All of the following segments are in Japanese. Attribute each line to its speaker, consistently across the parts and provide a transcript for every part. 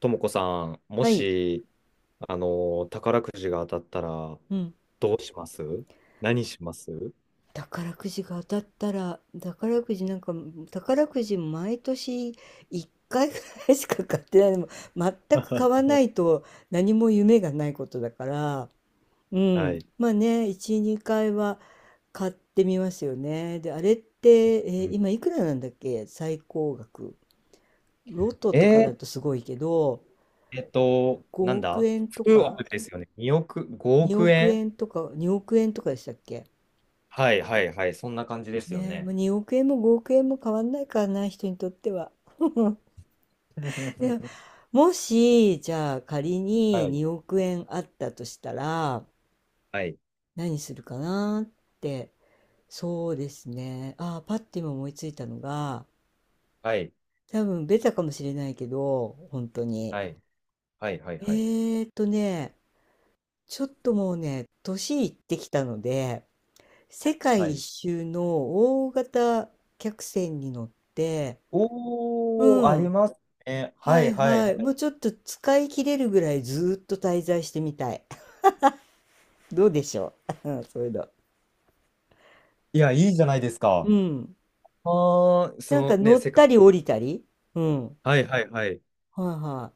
Speaker 1: ともこさん、も
Speaker 2: はい。
Speaker 1: し、宝くじが当たったら、
Speaker 2: うん。
Speaker 1: どうします？何します？
Speaker 2: 宝くじが当たったら、宝くじなんか、宝くじ毎年1回ぐらいしか買ってないでも、全く買わ ないと何も夢がないことだから、う
Speaker 1: は
Speaker 2: ん。
Speaker 1: い。
Speaker 2: まあね、1、2回は買ってみますよね。で、あれって、
Speaker 1: うん
Speaker 2: 今いくらなんだっけ最高額。ロトとか
Speaker 1: え
Speaker 2: だ
Speaker 1: ー
Speaker 2: とすごいけど、
Speaker 1: なん
Speaker 2: 5億
Speaker 1: だ
Speaker 2: 円と
Speaker 1: 9
Speaker 2: か、
Speaker 1: 億ですよね。2億、5
Speaker 2: 2
Speaker 1: 億
Speaker 2: 億
Speaker 1: 円。
Speaker 2: 円とか、2億円とかでしたっけ。
Speaker 1: はいはいはい。そんな感じですよ
Speaker 2: ねえ、もうあ、
Speaker 1: ね。
Speaker 2: 2億円も5億円も変わんないからな、人にとっては。で もし、じゃあ仮に
Speaker 1: はい。
Speaker 2: 2億円あったとしたら、
Speaker 1: はい。
Speaker 2: 何するかなって、そうですね。ああ、パッて今思いついたのが、
Speaker 1: はい。
Speaker 2: 多分ベタかもしれないけど、本当に。
Speaker 1: はい。はい。はい。
Speaker 2: え
Speaker 1: はい
Speaker 2: ーっとね、ちょっともうね、年いってきたので、世
Speaker 1: は
Speaker 2: 界一
Speaker 1: い。
Speaker 2: 周の大型客船に乗って、う
Speaker 1: おー、あり
Speaker 2: ん、
Speaker 1: ますね。は
Speaker 2: は
Speaker 1: い
Speaker 2: い
Speaker 1: はい
Speaker 2: は
Speaker 1: は
Speaker 2: い。もう
Speaker 1: い。
Speaker 2: ちょっと使い切れるぐらいずーっと滞在してみたい。どうでしょう。 うん、そういうの。
Speaker 1: いや、いいじゃないです
Speaker 2: う
Speaker 1: か。
Speaker 2: ん。
Speaker 1: あー、そ
Speaker 2: なんか
Speaker 1: のね、
Speaker 2: 乗っ
Speaker 1: 世界。
Speaker 2: たり降りたり。うん。
Speaker 1: はいはいはい。
Speaker 2: はいは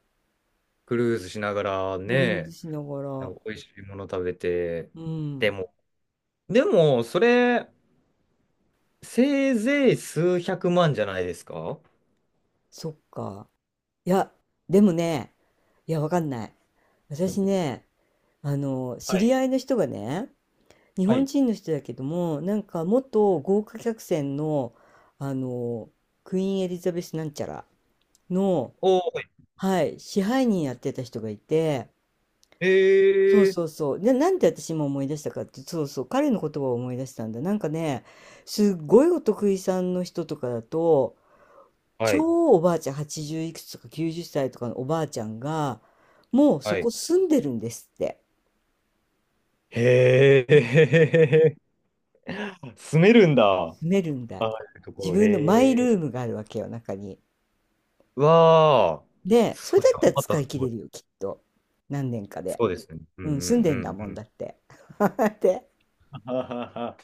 Speaker 1: クルーズしながら
Speaker 2: い。クルーズ
Speaker 1: ね、
Speaker 2: しなが
Speaker 1: な
Speaker 2: ら。
Speaker 1: んか美味しいもの食べて、
Speaker 2: う
Speaker 1: で
Speaker 2: ん。
Speaker 1: も、でも、それ、せいぜい数百万じゃないですか？
Speaker 2: そっか。いや、でもね、いや、わかんない。私ね、
Speaker 1: は
Speaker 2: 知り
Speaker 1: い。
Speaker 2: 合いの人がね、日
Speaker 1: は
Speaker 2: 本
Speaker 1: い。
Speaker 2: 人の人だけども、なんか元豪華客船の、あの、クイーンエリザベスなんちゃらの、
Speaker 1: お
Speaker 2: はい、支配人やってた人がいて、
Speaker 1: ー、
Speaker 2: そう
Speaker 1: へえ。
Speaker 2: そうそう。で、なんで私今思い出したかって、そうそう、彼の言葉を思い出したんだ。なんかね、すっごいお得意さんの人とかだと、
Speaker 1: はい、
Speaker 2: 超おばあちゃん、80いくつとか90歳とかのおばあちゃんが、もうそ
Speaker 1: は
Speaker 2: こ
Speaker 1: い。
Speaker 2: 住んでるんですって。
Speaker 1: へえ。住めるんだ。あ
Speaker 2: 住めるんだ
Speaker 1: あ
Speaker 2: よ。
Speaker 1: いうとこ
Speaker 2: 自
Speaker 1: ろ、へ
Speaker 2: 分のマイ
Speaker 1: え。
Speaker 2: ルームがあるわけよ、中に。
Speaker 1: わあ、
Speaker 2: で、それ
Speaker 1: そ
Speaker 2: だ
Speaker 1: れ
Speaker 2: っ
Speaker 1: は
Speaker 2: たら
Speaker 1: また
Speaker 2: 使
Speaker 1: す
Speaker 2: い切
Speaker 1: ご
Speaker 2: れ
Speaker 1: い。
Speaker 2: るよ、きっと。何年かで。
Speaker 1: そうですね。うん
Speaker 2: うん、
Speaker 1: う
Speaker 2: 住ん
Speaker 1: ん
Speaker 2: でん
Speaker 1: う
Speaker 2: だ
Speaker 1: ん
Speaker 2: も
Speaker 1: う
Speaker 2: んだ
Speaker 1: ん。
Speaker 2: って。で、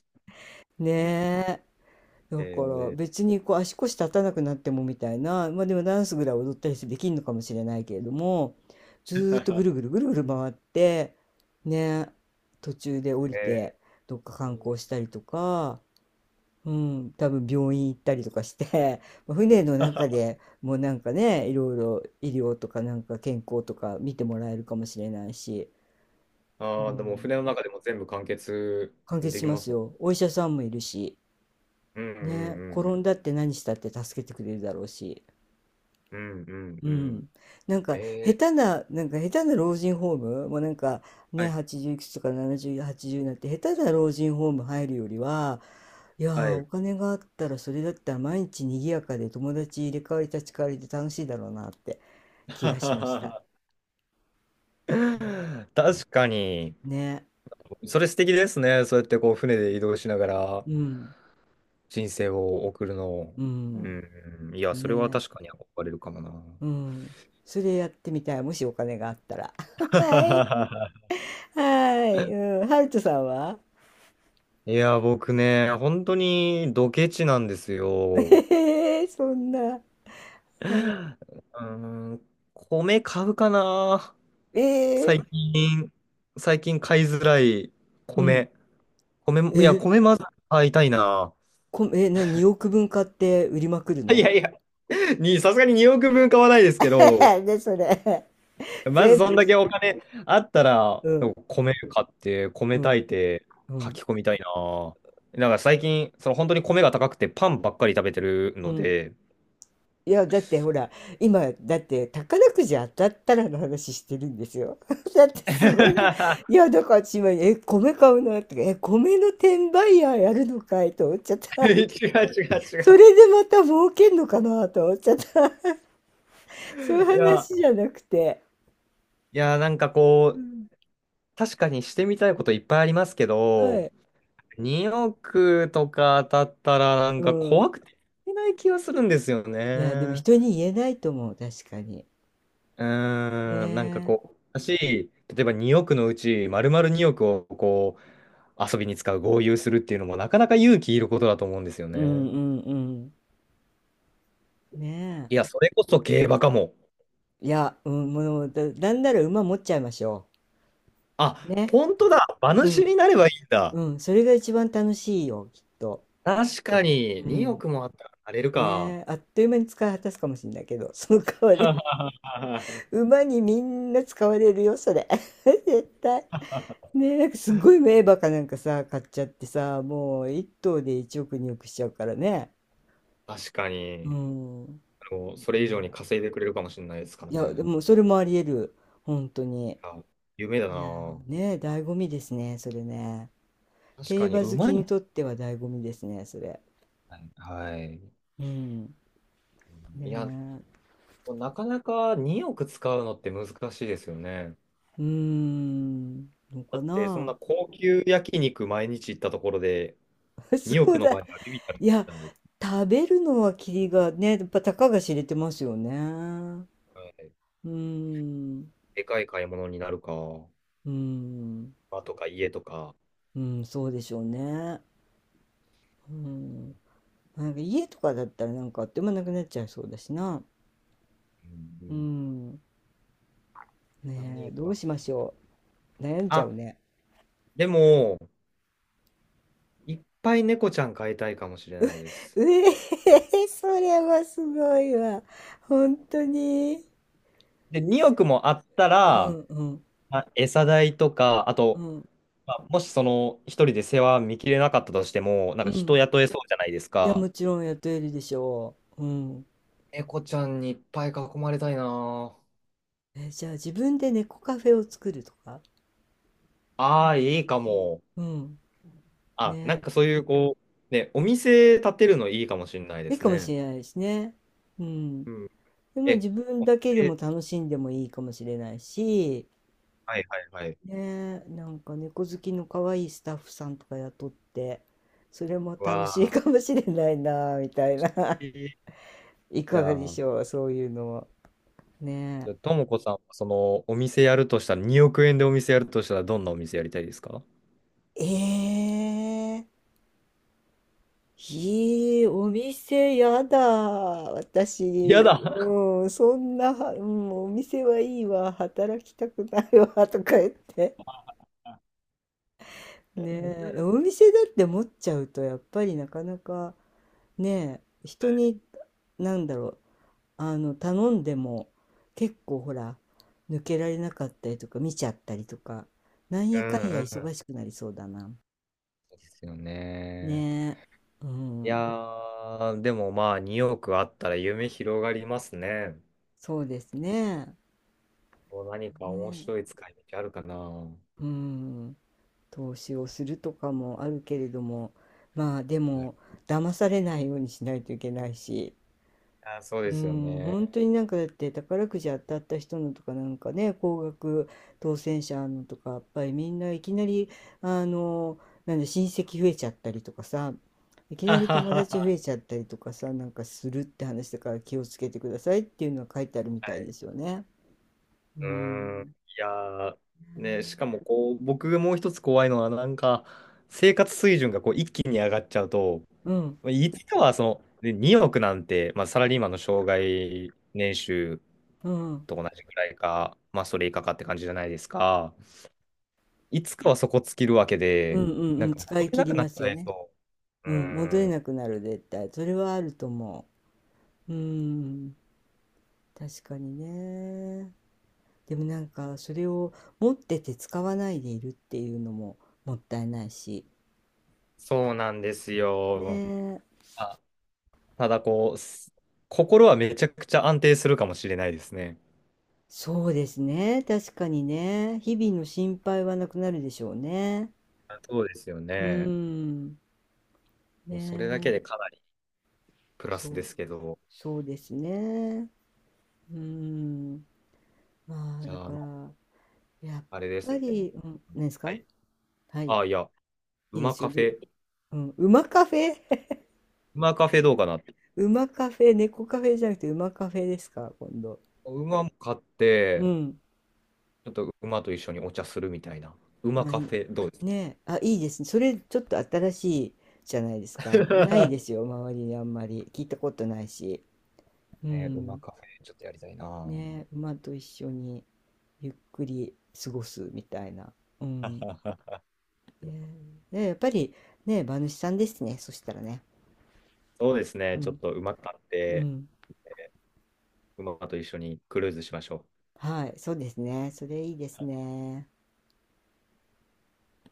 Speaker 2: ね、
Speaker 1: へ
Speaker 2: だから
Speaker 1: えー。
Speaker 2: 別にこう足腰立たなくなってもみたいな、まあでもダンスぐらい踊ったりしてできるのかもしれないけれども、ずーっとぐるぐるぐるぐる回って、ね、途中で降 りて
Speaker 1: へ
Speaker 2: どっか観光
Speaker 1: え。
Speaker 2: したりとか、うん、多分病院行ったりとかして、まあ船の中でもうなんかね、いろいろ医療とかなんか健康とか見てもらえるかもしれないし、う
Speaker 1: ああ、でも船
Speaker 2: ん、
Speaker 1: の中でも全部完結
Speaker 2: 完結
Speaker 1: で
Speaker 2: し
Speaker 1: き
Speaker 2: ま
Speaker 1: ま
Speaker 2: す
Speaker 1: すもん。
Speaker 2: よ。お医者さんもいるし、
Speaker 1: うんう
Speaker 2: ね、
Speaker 1: ん
Speaker 2: 転
Speaker 1: うん
Speaker 2: んだって何したって助けてくれるだろうし。
Speaker 1: うんうん
Speaker 2: う
Speaker 1: うんう
Speaker 2: ん、
Speaker 1: ん。
Speaker 2: なんか下
Speaker 1: え
Speaker 2: 手な、なんか下手な老人ホーム、もうなんか
Speaker 1: は
Speaker 2: ね、
Speaker 1: い
Speaker 2: 80いくつとか70、80になって下手な老人ホーム入るよりは、いや
Speaker 1: は
Speaker 2: ーお
Speaker 1: い。
Speaker 2: 金があったらそれだったら毎日賑やかで友達入れ替わり立ち替わりで楽しいだろうなって気がしました。うん、
Speaker 1: 確かに、
Speaker 2: ね、
Speaker 1: それ素敵ですね。そうやってこう船で移動しながら
Speaker 2: うん、
Speaker 1: 人生を送るの。
Speaker 2: う
Speaker 1: う
Speaker 2: ん、
Speaker 1: んうん、いや、それは
Speaker 2: ね、
Speaker 1: 確かに憧れるかもな。
Speaker 2: うん、それやってみたい、もしお金があったら。はい、はい、うん、ハルトさんは。
Speaker 1: いや、僕ね、本当にドケチなんです よ。
Speaker 2: えー、そんな、
Speaker 1: うーん、米買うかな。
Speaker 2: え
Speaker 1: 最
Speaker 2: ー、
Speaker 1: 近、最近買いづらい
Speaker 2: うん。
Speaker 1: 米。米も、いや、
Speaker 2: え、
Speaker 1: 米まず買いたいな。
Speaker 2: こ、え、な、2億分買って売りまくる
Speaker 1: い
Speaker 2: の。
Speaker 1: やいや、さすがに2億分買わないですけど、
Speaker 2: で、それ、
Speaker 1: まず
Speaker 2: 全
Speaker 1: そん
Speaker 2: 部
Speaker 1: だ
Speaker 2: し、
Speaker 1: けお金あったら、
Speaker 2: うん、
Speaker 1: 米買って、米
Speaker 2: うん、
Speaker 1: 炊いて、
Speaker 2: う
Speaker 1: 書
Speaker 2: ん。
Speaker 1: き込みたいな。なんか最近、本当に米が高くてパンばっかり食べてる
Speaker 2: う
Speaker 1: の
Speaker 2: ん。
Speaker 1: で、
Speaker 2: いや、だってほら、今、だって宝くじ当たったらの話してるんですよ。だってすごいね。い
Speaker 1: 違
Speaker 2: や、だから私今、米買うなとか、米の転売ヤーやるのかいと思っちゃっ
Speaker 1: う
Speaker 2: た。
Speaker 1: 違う違
Speaker 2: それ
Speaker 1: う。
Speaker 2: でまた儲けんのかなと思っちゃった。そういう
Speaker 1: いや、
Speaker 2: 話じゃなくて。
Speaker 1: いや、なんか
Speaker 2: う
Speaker 1: こう、
Speaker 2: ん。
Speaker 1: 確かにしてみたいこといっぱいありますけ
Speaker 2: は
Speaker 1: ど、
Speaker 2: い。
Speaker 1: 2億とか当たったらなん
Speaker 2: う
Speaker 1: か
Speaker 2: ん。
Speaker 1: 怖くていけない気がするんですよ
Speaker 2: いや、でも
Speaker 1: ね。
Speaker 2: 人に言えないと思う、確かに。
Speaker 1: う
Speaker 2: ね
Speaker 1: ーん、なんか
Speaker 2: え、
Speaker 1: こう、だし、例えば2億のうち丸々2億をこう遊びに使う、豪遊するっていうのもなかなか勇気いることだと思うんですよ
Speaker 2: うん
Speaker 1: ね。
Speaker 2: うんうん。ねえ、ね、
Speaker 1: いや、それこそ競馬かも。
Speaker 2: いや、うん、もう、なんなら馬持っちゃいましょ
Speaker 1: あ、
Speaker 2: うね。
Speaker 1: 本当だ。馬
Speaker 2: う。
Speaker 1: 主
Speaker 2: ん、
Speaker 1: になればいいんだ。
Speaker 2: うん、それが一番楽しいよ、きっと。
Speaker 1: 確かに、
Speaker 2: う
Speaker 1: 2
Speaker 2: ん。
Speaker 1: 億もあったらなれる
Speaker 2: ね
Speaker 1: か。
Speaker 2: え、あっという間に使い果たすかもしれないけど、その代わり、馬にみんな使われるよ、それ。絶対。ねえ、なんかすっごい名馬かなんかさ、買っちゃってさ、もう一頭で1億2億しちゃうからね。
Speaker 1: 確か
Speaker 2: う
Speaker 1: に、
Speaker 2: ん。
Speaker 1: それ以
Speaker 2: ね
Speaker 1: 上に
Speaker 2: え、
Speaker 1: 稼いでくれるかもしれないですから
Speaker 2: いや、で
Speaker 1: ね。
Speaker 2: もそれもあり得る。本当に。
Speaker 1: あ、夢だ
Speaker 2: いや
Speaker 1: な。
Speaker 2: ーね、醍醐味ですね、それね。
Speaker 1: 確
Speaker 2: 競
Speaker 1: かに、
Speaker 2: 馬
Speaker 1: う
Speaker 2: 好
Speaker 1: ま
Speaker 2: き
Speaker 1: いで
Speaker 2: にとっ
Speaker 1: す
Speaker 2: ては醍醐味ですね、それ。
Speaker 1: ね。はい。
Speaker 2: うん。
Speaker 1: い
Speaker 2: ね
Speaker 1: や、
Speaker 2: え。
Speaker 1: なかなか2億使うのって難しいですよね。
Speaker 2: うーん。の
Speaker 1: だ
Speaker 2: か
Speaker 1: って、そん
Speaker 2: な。
Speaker 1: な高級焼肉毎日行ったところで、2
Speaker 2: そ
Speaker 1: 億
Speaker 2: う
Speaker 1: の
Speaker 2: だ。
Speaker 1: 場合はビビったらじ
Speaker 2: いや、
Speaker 1: ゃないです
Speaker 2: 食べるのはキリがね、やっぱたかが知れてますよね。
Speaker 1: か、はい、
Speaker 2: うーん。
Speaker 1: でかい買い物になるか、
Speaker 2: うーん。
Speaker 1: 場とか家とか。
Speaker 2: うん、そうでしょうね。うん。
Speaker 1: う
Speaker 2: なんか家とかだったらなんかあっという間なくなっちゃいそうだしな。
Speaker 1: んう
Speaker 2: う
Speaker 1: ん、
Speaker 2: ん。ねえ、
Speaker 1: 何
Speaker 2: どう
Speaker 1: か。
Speaker 2: しましょう。悩んじゃ
Speaker 1: あ、
Speaker 2: うね。
Speaker 1: でも、いっぱい猫ちゃん飼いたいかもしれないです。
Speaker 2: うえー、それはすごいわ。本当に。
Speaker 1: で、2億もあった
Speaker 2: う
Speaker 1: ら、
Speaker 2: んうん
Speaker 1: まあ餌代とか、あ
Speaker 2: う
Speaker 1: と、
Speaker 2: ん
Speaker 1: まあもし一人で世話見切れなかったとしても、なん
Speaker 2: う
Speaker 1: か人
Speaker 2: ん、
Speaker 1: 雇えそうじゃないです
Speaker 2: いや
Speaker 1: か。
Speaker 2: もちろん雇えるでしょう。うん。
Speaker 1: 猫ちゃんにいっぱい囲まれたいなぁ。
Speaker 2: え、じゃあ自分で猫カフェを作るとか。
Speaker 1: ああ、いいかも。
Speaker 2: うん。
Speaker 1: あ、なん
Speaker 2: ね、
Speaker 1: かそういうこう、ね、お店建てるのいいかもしれないで
Speaker 2: いい
Speaker 1: す
Speaker 2: かもし
Speaker 1: ね。
Speaker 2: れないですね。うん。
Speaker 1: うん。
Speaker 2: でも
Speaker 1: え、
Speaker 2: 自分
Speaker 1: お
Speaker 2: だけでも
Speaker 1: 店、
Speaker 2: 楽しんでもいいかもしれないし、
Speaker 1: はいはいはい。
Speaker 2: ね、なんか猫好きの可愛いスタッフさんとか雇ってそれも楽
Speaker 1: わ
Speaker 2: しい
Speaker 1: あ、
Speaker 2: かもしれないなみたいな。
Speaker 1: いい。
Speaker 2: い
Speaker 1: じ
Speaker 2: か
Speaker 1: ゃ
Speaker 2: がで
Speaker 1: あ、
Speaker 2: しょう、そういうのは。ね
Speaker 1: ともこさんはそのお店やるとしたら、2億円でお店やるとしたら、どんなお店やりたいですか？
Speaker 2: えええ。いい、お店やだ。
Speaker 1: や
Speaker 2: 私、
Speaker 1: だ。
Speaker 2: うん、そんな、うん、お店はいいわ、働きたくないわ、とか言って。ねえ、お店だって持っちゃうと、やっぱりなかなか、ねえ、人に、なんだろう、頼んでも、結構ほら、抜けられなかったりとか、見ちゃったりとか、なん
Speaker 1: う
Speaker 2: やかんや
Speaker 1: んうん。
Speaker 2: 忙しくなりそうだな。
Speaker 1: ですよね。
Speaker 2: ねえ、う
Speaker 1: いや
Speaker 2: ん。
Speaker 1: ー、でもまあ2億あったら夢広がりますね。
Speaker 2: そうですね。
Speaker 1: こう何か面
Speaker 2: ね、
Speaker 1: 白い使い道あるかな。は
Speaker 2: うん、投資をするとかもあるけれども、まあで
Speaker 1: い。
Speaker 2: も騙されないようにしないといけないし、
Speaker 1: あー、そうで
Speaker 2: う
Speaker 1: すよ
Speaker 2: ん、
Speaker 1: ね。
Speaker 2: 本当になんかだって宝くじ当たった人のとかなんかね、高額当選者のとか、やっぱりみんないきなり、あの、なんで親戚増えちゃったりとかさ、いき な
Speaker 1: は
Speaker 2: り
Speaker 1: は
Speaker 2: 友
Speaker 1: は
Speaker 2: 達増
Speaker 1: は。
Speaker 2: えちゃったりとかさ、なんかするって話だから気をつけてくださいっていうのは書いてあるみ
Speaker 1: は
Speaker 2: たいで
Speaker 1: い。
Speaker 2: すよね。う
Speaker 1: うーん。い
Speaker 2: ん。
Speaker 1: やー、ね、しかもこう、僕がもう一つ怖いのは、なんか、生活水準がこう一気に上がっちゃうと、
Speaker 2: うん。
Speaker 1: まあいつかはで、2億なんて、まあ、サラリーマンの生涯年収
Speaker 2: うん。う
Speaker 1: と同じくらいか、まあ、それ以下かって感じじゃないですか。いつかはそこ尽きるわけ
Speaker 2: うん
Speaker 1: で、
Speaker 2: ん。う
Speaker 1: な
Speaker 2: んう
Speaker 1: ん
Speaker 2: ん。
Speaker 1: か
Speaker 2: 使
Speaker 1: 戻
Speaker 2: い
Speaker 1: れ
Speaker 2: 切
Speaker 1: な
Speaker 2: り
Speaker 1: くな
Speaker 2: ま
Speaker 1: っち
Speaker 2: す
Speaker 1: ゃ
Speaker 2: よ
Speaker 1: い
Speaker 2: ね。
Speaker 1: そう。う
Speaker 2: うん。戻
Speaker 1: ー
Speaker 2: れ
Speaker 1: ん、
Speaker 2: なくなる、絶対。それはあると思う。うん。確かにね。でもなんか、それを持ってて使わないでいるっていうのももったいないし。
Speaker 1: そうなんです
Speaker 2: ね
Speaker 1: よ。
Speaker 2: え。
Speaker 1: あ、ただこう、心はめちゃくちゃ安定するかもしれないですね。
Speaker 2: そうですね。確かにね。日々の心配はなくなるでしょうね。
Speaker 1: あ、そうですよ
Speaker 2: う
Speaker 1: ね。
Speaker 2: ん。ね
Speaker 1: もうそれだけ
Speaker 2: え。
Speaker 1: でかなりプラ
Speaker 2: そ
Speaker 1: スで
Speaker 2: う。
Speaker 1: すけど、
Speaker 2: そうですね。うん。まあ、
Speaker 1: じ
Speaker 2: だ
Speaker 1: ゃあ、
Speaker 2: か
Speaker 1: ま
Speaker 2: ら、やっ
Speaker 1: あ、あれです
Speaker 2: ぱ
Speaker 1: ね。
Speaker 2: り、うん、何です
Speaker 1: は
Speaker 2: か。
Speaker 1: い。
Speaker 2: はい。い
Speaker 1: あ、いや、
Speaker 2: いで
Speaker 1: 馬
Speaker 2: すよ。
Speaker 1: カフ
Speaker 2: どう、
Speaker 1: ェ、
Speaker 2: うん。馬カフェ。
Speaker 1: 馬カフェどうかなって。
Speaker 2: 馬カフェ、猫カフェじゃなくて馬カフェですか、今度。
Speaker 1: 馬も買っ
Speaker 2: う
Speaker 1: て、
Speaker 2: ん。
Speaker 1: ちょっと馬と一緒にお茶するみたいな。馬
Speaker 2: ま
Speaker 1: カフェどうで
Speaker 2: あ、
Speaker 1: すか？
Speaker 2: ねえあ、いいですね。それちょっと新しいじゃないですか。ないで すよ、周りにあんまり。聞いたことないし。う
Speaker 1: ね、馬
Speaker 2: ん。
Speaker 1: カフェちょっとやりたいな。
Speaker 2: ねえ、馬と一緒にゆっくり過ごすみたいな。うん。ねえねえやっぱりねえ、馬主さんですね。そしたらね。
Speaker 1: そうです
Speaker 2: う
Speaker 1: ね。ちょっ
Speaker 2: ん。
Speaker 1: と馬買っ
Speaker 2: う
Speaker 1: て、
Speaker 2: ん。
Speaker 1: 馬と一緒にクルーズしましょう。
Speaker 2: はい。そうですね。それいいですね。